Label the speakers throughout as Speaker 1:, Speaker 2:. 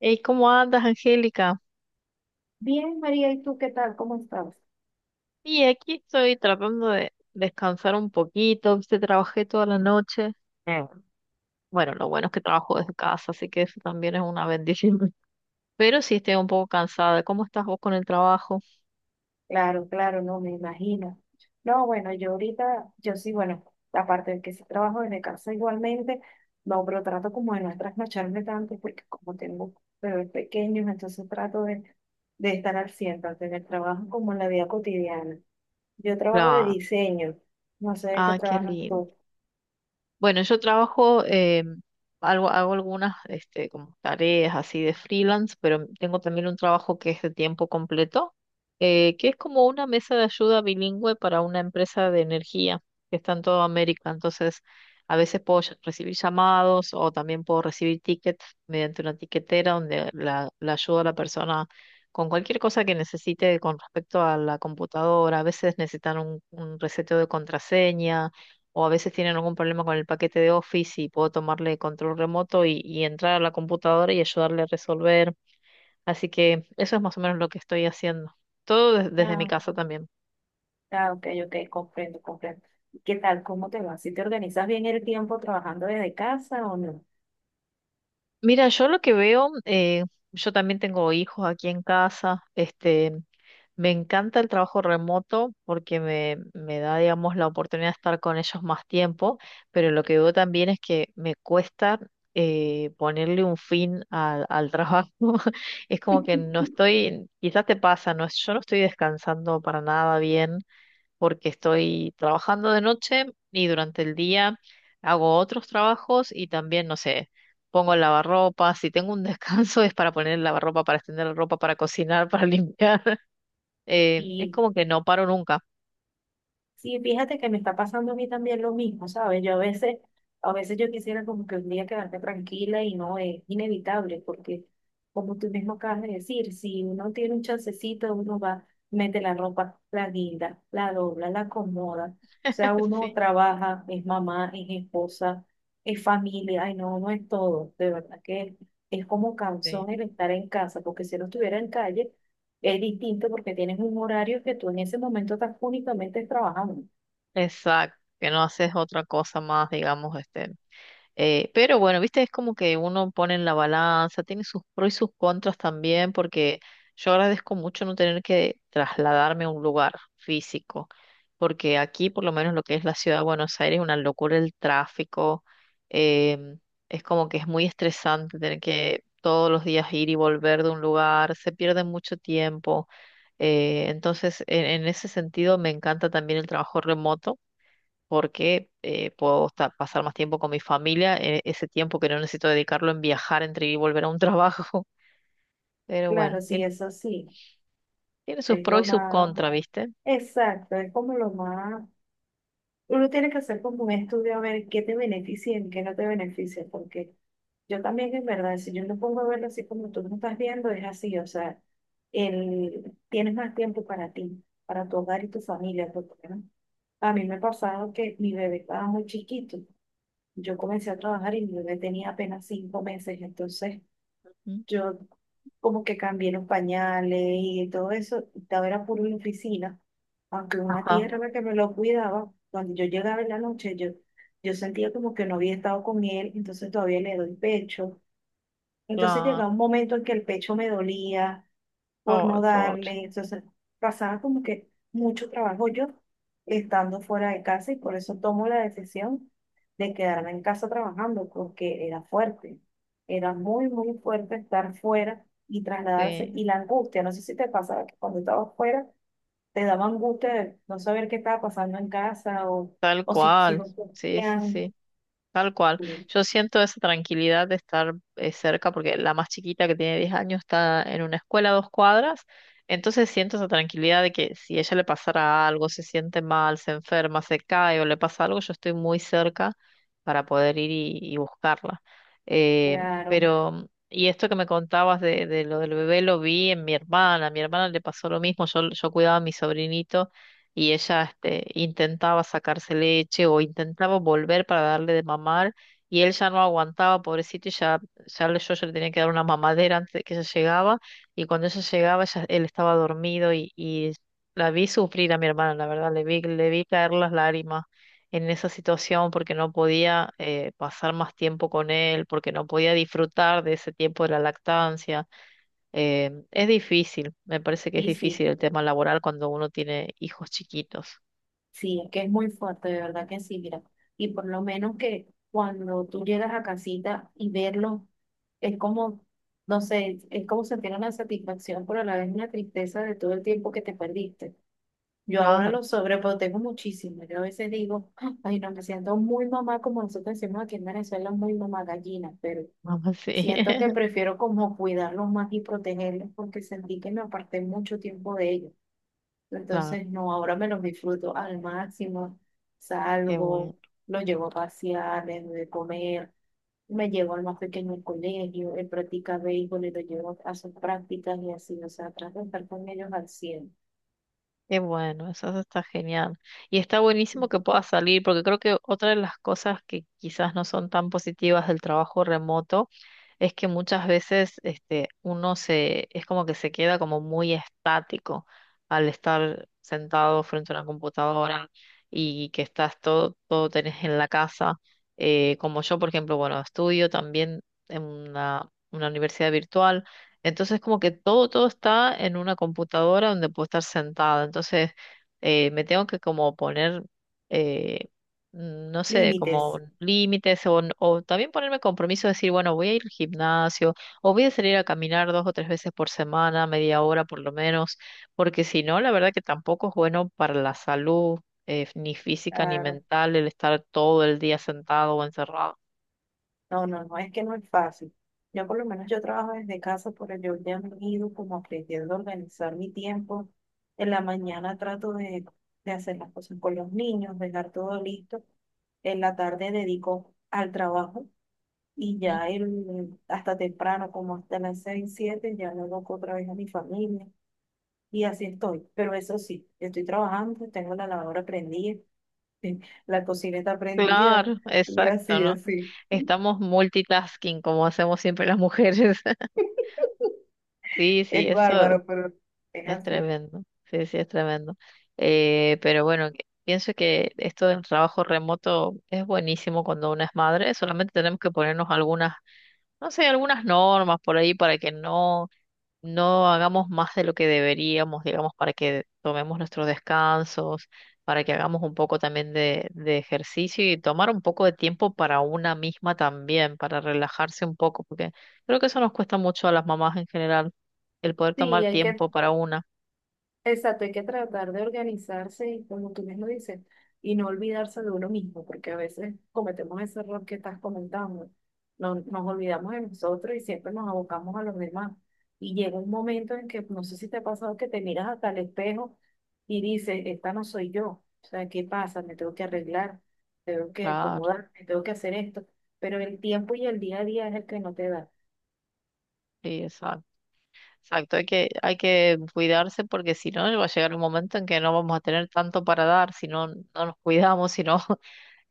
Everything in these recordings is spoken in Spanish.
Speaker 1: Hey, ¿cómo andas, Angélica?
Speaker 2: Bien, María, ¿y tú qué tal? ¿Cómo estás?
Speaker 1: Y aquí estoy tratando de descansar un poquito, viste, trabajé toda la noche. Eh, bueno, lo bueno es que trabajo desde casa, así que eso también es una bendición. Pero sí estoy un poco cansada. ¿Cómo estás vos con el trabajo?
Speaker 2: Claro, claro, no me imagino. No, bueno, yo ahorita, yo sí, bueno, aparte de que sí trabajo desde casa igualmente, no, pero trato como de no trasnocharme tanto porque como tengo bebés pequeños, entonces trato de estar al 100 tanto en el trabajo como en la vida cotidiana. Yo trabajo de
Speaker 1: Claro.
Speaker 2: diseño, no sé de qué
Speaker 1: Ah, qué
Speaker 2: trabajas
Speaker 1: lindo.
Speaker 2: tú.
Speaker 1: Bueno, yo trabajo, hago algunas este, como tareas así de freelance, pero tengo también un trabajo que es de tiempo completo, que es como una mesa de ayuda bilingüe para una empresa de energía que está en toda América. Entonces, a veces puedo recibir llamados o también puedo recibir tickets mediante una tiquetera donde la ayuda a la persona con cualquier cosa que necesite con respecto a la computadora. A veces necesitan un reseteo de contraseña o a veces tienen algún problema con el paquete de Office y puedo tomarle control remoto y entrar a la computadora y ayudarle a resolver. Así que eso es más o menos lo que estoy haciendo. Todo desde mi
Speaker 2: Ah,
Speaker 1: casa también.
Speaker 2: ah, ok, ok, comprendo, comprendo. ¿Qué tal? ¿Cómo te va? ¿Si te organizas bien el tiempo trabajando desde casa o no?
Speaker 1: Mira, yo lo que veo, yo también tengo hijos aquí en casa, este, me encanta el trabajo remoto porque me da, digamos, la oportunidad de estar con ellos más tiempo, pero lo que veo también es que me cuesta ponerle un fin al trabajo. Es como que no estoy, quizás te pasa, no, yo no estoy descansando para nada bien porque estoy trabajando de noche y durante el día hago otros trabajos y también, no sé, pongo el lavarropa. Si tengo un descanso es para poner el lavarropa, para extender la ropa, para cocinar, para limpiar. Es
Speaker 2: Y
Speaker 1: como que no paro nunca.
Speaker 2: Sí, fíjate que me está pasando a mí también lo mismo, ¿sabes? Yo a veces yo quisiera como que un día quedarme tranquila y no es inevitable, porque como tú mismo acabas de decir, si uno tiene un chancecito, uno va, mete la ropa, la guinda, la dobla, la acomoda. O sea, uno
Speaker 1: Sí,
Speaker 2: trabaja, es mamá, es esposa, es familia, ay no, no es todo, de verdad que es como cansón
Speaker 1: sí.
Speaker 2: el estar en casa, porque si no estuviera en calle, es distinto porque tienes un horario que tú en ese momento estás únicamente trabajando.
Speaker 1: Exacto, que no haces otra cosa más, digamos, este. Pero bueno, viste, es como que uno pone en la balanza, tiene sus pros y sus contras también, porque yo agradezco mucho no tener que trasladarme a un lugar físico, porque aquí por lo menos lo que es la ciudad de Buenos Aires es una locura el tráfico. em, es como que es muy estresante tener que todos los días ir y volver de un lugar, se pierde mucho tiempo. Entonces, en ese sentido, me encanta también el trabajo remoto porque puedo pasar más tiempo con mi familia, ese tiempo que no necesito dedicarlo en viajar entre ir y volver a un trabajo. Pero
Speaker 2: Claro,
Speaker 1: bueno,
Speaker 2: sí,
Speaker 1: tiene,
Speaker 2: eso sí,
Speaker 1: tiene sus
Speaker 2: es
Speaker 1: pros y
Speaker 2: lo
Speaker 1: sus
Speaker 2: más
Speaker 1: contras, ¿viste?
Speaker 2: exacto, es como lo más, uno tiene que hacer como un estudio a ver qué te beneficia y qué no te beneficia, porque yo también en verdad, si yo lo pongo a verlo así como tú lo estás viendo, es así, o sea, el, tienes más tiempo para ti, para tu hogar y tu familia, porque ¿no? A mí me ha pasado que mi bebé estaba muy chiquito, yo comencé a trabajar y mi bebé tenía apenas 5 meses. Entonces
Speaker 1: Mm.
Speaker 2: yo como que cambié los pañales y todo eso, y todo era puro en la oficina, aunque una tía
Speaker 1: Ajá,
Speaker 2: era la que me lo cuidaba, cuando yo llegaba en la noche, yo sentía como que no había estado con él, entonces todavía le doy pecho. Entonces
Speaker 1: claro.
Speaker 2: llegaba un momento en que el pecho me dolía, por
Speaker 1: Oh,
Speaker 2: no
Speaker 1: pobre.
Speaker 2: darle. Entonces, pasaba como que mucho trabajo yo estando fuera de casa y por eso tomo la decisión de quedarme en casa trabajando, porque era fuerte. Era muy, muy fuerte estar fuera y trasladarse.
Speaker 1: Sí,
Speaker 2: Y la angustia, no sé si te pasaba que cuando estabas fuera te daba angustia de no saber qué estaba pasando en casa
Speaker 1: tal
Speaker 2: o si tus
Speaker 1: cual.
Speaker 2: hijos
Speaker 1: Sí, sí,
Speaker 2: cumplían.
Speaker 1: sí. Tal cual. Yo siento esa tranquilidad de estar cerca, porque la más chiquita que tiene 10 años está en una escuela a 2 cuadras, entonces siento esa tranquilidad de que si ella le pasara algo, se siente mal, se enferma, se cae o le pasa algo, yo estoy muy cerca para poder ir y buscarla.
Speaker 2: Claro,
Speaker 1: Pero, y esto que me contabas de, lo del bebé lo vi en mi hermana, a mi hermana le pasó lo mismo, yo cuidaba a mi sobrinito y ella este, intentaba sacarse leche o intentaba volver para darle de mamar y él ya no aguantaba, pobrecito, y ya, yo ya le tenía que dar una mamadera antes de que ella llegaba y cuando ella llegaba ya él estaba dormido y la vi sufrir a mi hermana, la verdad, le vi caer las lágrimas en esa situación porque no podía pasar más tiempo con él, porque no podía disfrutar de ese tiempo de la lactancia. Es difícil, me parece que es
Speaker 2: sí,
Speaker 1: difícil
Speaker 2: sí.
Speaker 1: el tema laboral cuando uno tiene hijos chiquitos.
Speaker 2: Sí, es que es muy fuerte, de verdad que sí, mira. Y por lo menos que cuando tú llegas a casita y verlo, es como, no sé, es como sentir una satisfacción, pero a la vez una tristeza de todo el tiempo que te perdiste. Yo ahora
Speaker 1: Claro,
Speaker 2: lo sobreprotejo muchísimo. Yo a veces digo, "Ah, ay, no, me siento muy mamá, como nosotros decimos aquí en Venezuela, muy mamá gallina", pero
Speaker 1: mamá, sí.
Speaker 2: siento que prefiero como cuidarlos más y protegerlos porque sentí que me aparté mucho tiempo de ellos.
Speaker 1: Claro,
Speaker 2: Entonces, no, ahora me los disfruto al máximo.
Speaker 1: qué bueno,
Speaker 2: Salgo, los llevo a pasear, les doy de comer, me llevo al más pequeño al colegio, él practica béisbol y lo llevo a sus prácticas y así, o sea, trato de estar con ellos al cien.
Speaker 1: qué bueno, eso está genial. Y está buenísimo que pueda salir, porque creo que otra de las cosas que quizás no son tan positivas del trabajo remoto es que muchas veces este, uno se, es como que se queda como muy estático al estar sentado frente a una computadora y que estás todo, tenés en la casa. Como yo, por ejemplo, bueno, estudio también en una universidad virtual. Entonces, como que todo está en una computadora donde puedo estar sentada. Entonces, me tengo que como poner eh, no sé, como
Speaker 2: Límites.
Speaker 1: límites o también ponerme compromiso de decir, bueno, voy a ir al gimnasio o voy a salir a caminar dos o tres veces por semana, media hora por lo menos, porque si no, la verdad que tampoco es bueno para la salud, ni física ni
Speaker 2: Claro.
Speaker 1: mental, el estar todo el día sentado o encerrado.
Speaker 2: No, no, no, es que no es fácil. Yo por lo menos yo trabajo desde casa, por ello ya me he ido como aprendiendo a organizar mi tiempo. En la mañana trato de hacer las cosas con los niños, dejar todo listo. En la tarde dedico al trabajo y
Speaker 1: ¿Mm?
Speaker 2: ya el, hasta temprano, como hasta las seis, siete, ya me dedico otra vez a mi familia y así estoy. Pero eso sí, estoy trabajando, tengo la lavadora prendida, la cocina está prendida
Speaker 1: Claro,
Speaker 2: y
Speaker 1: exacto,
Speaker 2: así,
Speaker 1: ¿no?
Speaker 2: así.
Speaker 1: Estamos multitasking como hacemos siempre las mujeres. Sí, sí,
Speaker 2: Es
Speaker 1: eso.
Speaker 2: bárbaro, pero es
Speaker 1: Es
Speaker 2: así.
Speaker 1: tremendo, sí, sí, es tremendo. Pero bueno, pienso que esto del trabajo remoto es buenísimo cuando uno es madre, solamente tenemos que ponernos algunas, no sé, algunas normas por ahí para que no, no hagamos más de lo que deberíamos, digamos, para que tomemos nuestros descansos, para que hagamos un poco también de ejercicio y tomar un poco de tiempo para una misma también, para relajarse un poco, porque creo que eso nos cuesta mucho a las mamás en general, el poder
Speaker 2: Sí,
Speaker 1: tomar
Speaker 2: hay que,
Speaker 1: tiempo para una.
Speaker 2: exacto, hay que tratar de organizarse y como tú mismo dices, y no olvidarse de uno mismo, porque a veces cometemos ese error que estás comentando. No, nos olvidamos de nosotros y siempre nos abocamos a los demás. Y llega un momento en que, no sé si te ha pasado, que te miras hasta el espejo y dices, esta no soy yo. O sea, ¿qué pasa? Me tengo que arreglar, tengo que
Speaker 1: Claro,
Speaker 2: acomodarme, tengo que hacer esto. Pero el tiempo y el día a día es el que no te da.
Speaker 1: sí, exacto. Exacto, hay que cuidarse porque si no va a llegar un momento en que no vamos a tener tanto para dar, si no, no nos cuidamos, si no,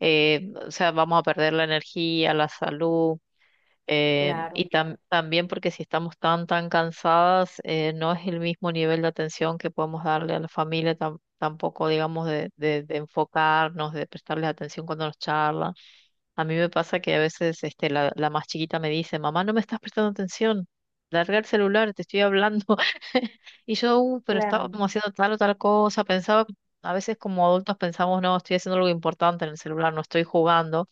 Speaker 1: o sea, vamos a perder la energía, la salud,
Speaker 2: Claro.
Speaker 1: y también porque si estamos tan cansadas, no es el mismo nivel de atención que podemos darle a la familia, tampoco, digamos, de, enfocarnos, de prestarles atención cuando nos charlan. A mí me pasa que a veces este, la más chiquita me dice, mamá, no me estás prestando atención, larga el celular, te estoy hablando. Y yo, pero
Speaker 2: Claro.
Speaker 1: estábamos haciendo tal o tal cosa", pensaba, a veces como adultos pensamos, no, estoy haciendo algo importante en el celular, no estoy jugando,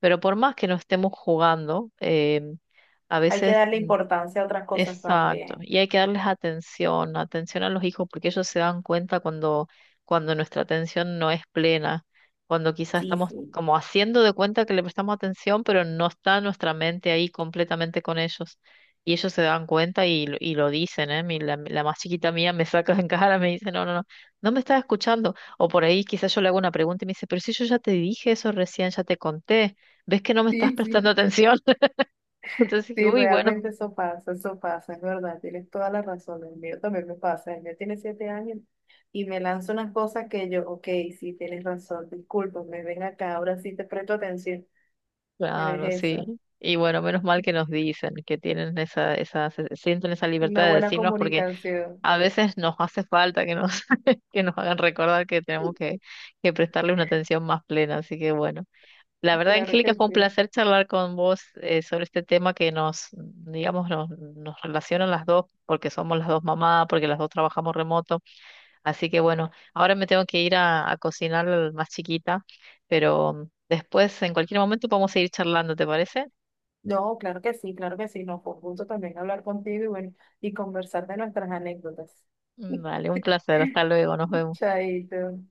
Speaker 1: pero por más que no estemos jugando, a
Speaker 2: Hay que
Speaker 1: veces
Speaker 2: darle importancia a otras cosas
Speaker 1: Exacto,
Speaker 2: también.
Speaker 1: y hay que darles atención, atención a los hijos, porque ellos se dan cuenta cuando nuestra atención no es plena, cuando quizás
Speaker 2: Sí,
Speaker 1: estamos
Speaker 2: sí.
Speaker 1: como haciendo de cuenta que le prestamos atención, pero no está nuestra mente ahí completamente con ellos. Y ellos se dan cuenta y lo dicen, ¿eh? La más chiquita mía me saca en cara, me dice, no, no, no, no me estás escuchando. O por ahí quizás yo le hago una pregunta y me dice, pero si yo ya te dije eso recién, ya te conté, ¿ves que no me estás
Speaker 2: Sí,
Speaker 1: prestando
Speaker 2: sí,
Speaker 1: atención? Entonces dije,
Speaker 2: sí,
Speaker 1: uy, bueno.
Speaker 2: realmente eso pasa, es verdad, tienes toda la razón, el mío también me pasa, el mío tiene 7 años y me lanza unas cosas que yo, ok, sí, tienes razón, discúlpame, ven acá, ahora sí te presto atención, pero es
Speaker 1: Claro, sí.
Speaker 2: eso,
Speaker 1: Y bueno, menos mal que nos dicen que tienen esa, esa, se- sienten esa libertad
Speaker 2: una
Speaker 1: de
Speaker 2: buena
Speaker 1: decirnos porque
Speaker 2: comunicación,
Speaker 1: a veces nos hace falta que nos hagan recordar que tenemos que prestarle una atención más plena. Así que bueno, la verdad,
Speaker 2: claro
Speaker 1: Angélica,
Speaker 2: que
Speaker 1: fue un
Speaker 2: sí.
Speaker 1: placer charlar con vos sobre este tema que nos, digamos, nos relaciona a las dos porque somos las dos mamás, porque las dos trabajamos remoto. Así que bueno, ahora me tengo que ir a cocinar al más chiquita, pero después en cualquier momento podemos seguir charlando, ¿te parece?
Speaker 2: No, claro que sí, no, fue un gusto también hablar contigo y bueno, y conversar de nuestras anécdotas.
Speaker 1: Vale, un placer. Hasta luego. Nos vemos.
Speaker 2: Chaito.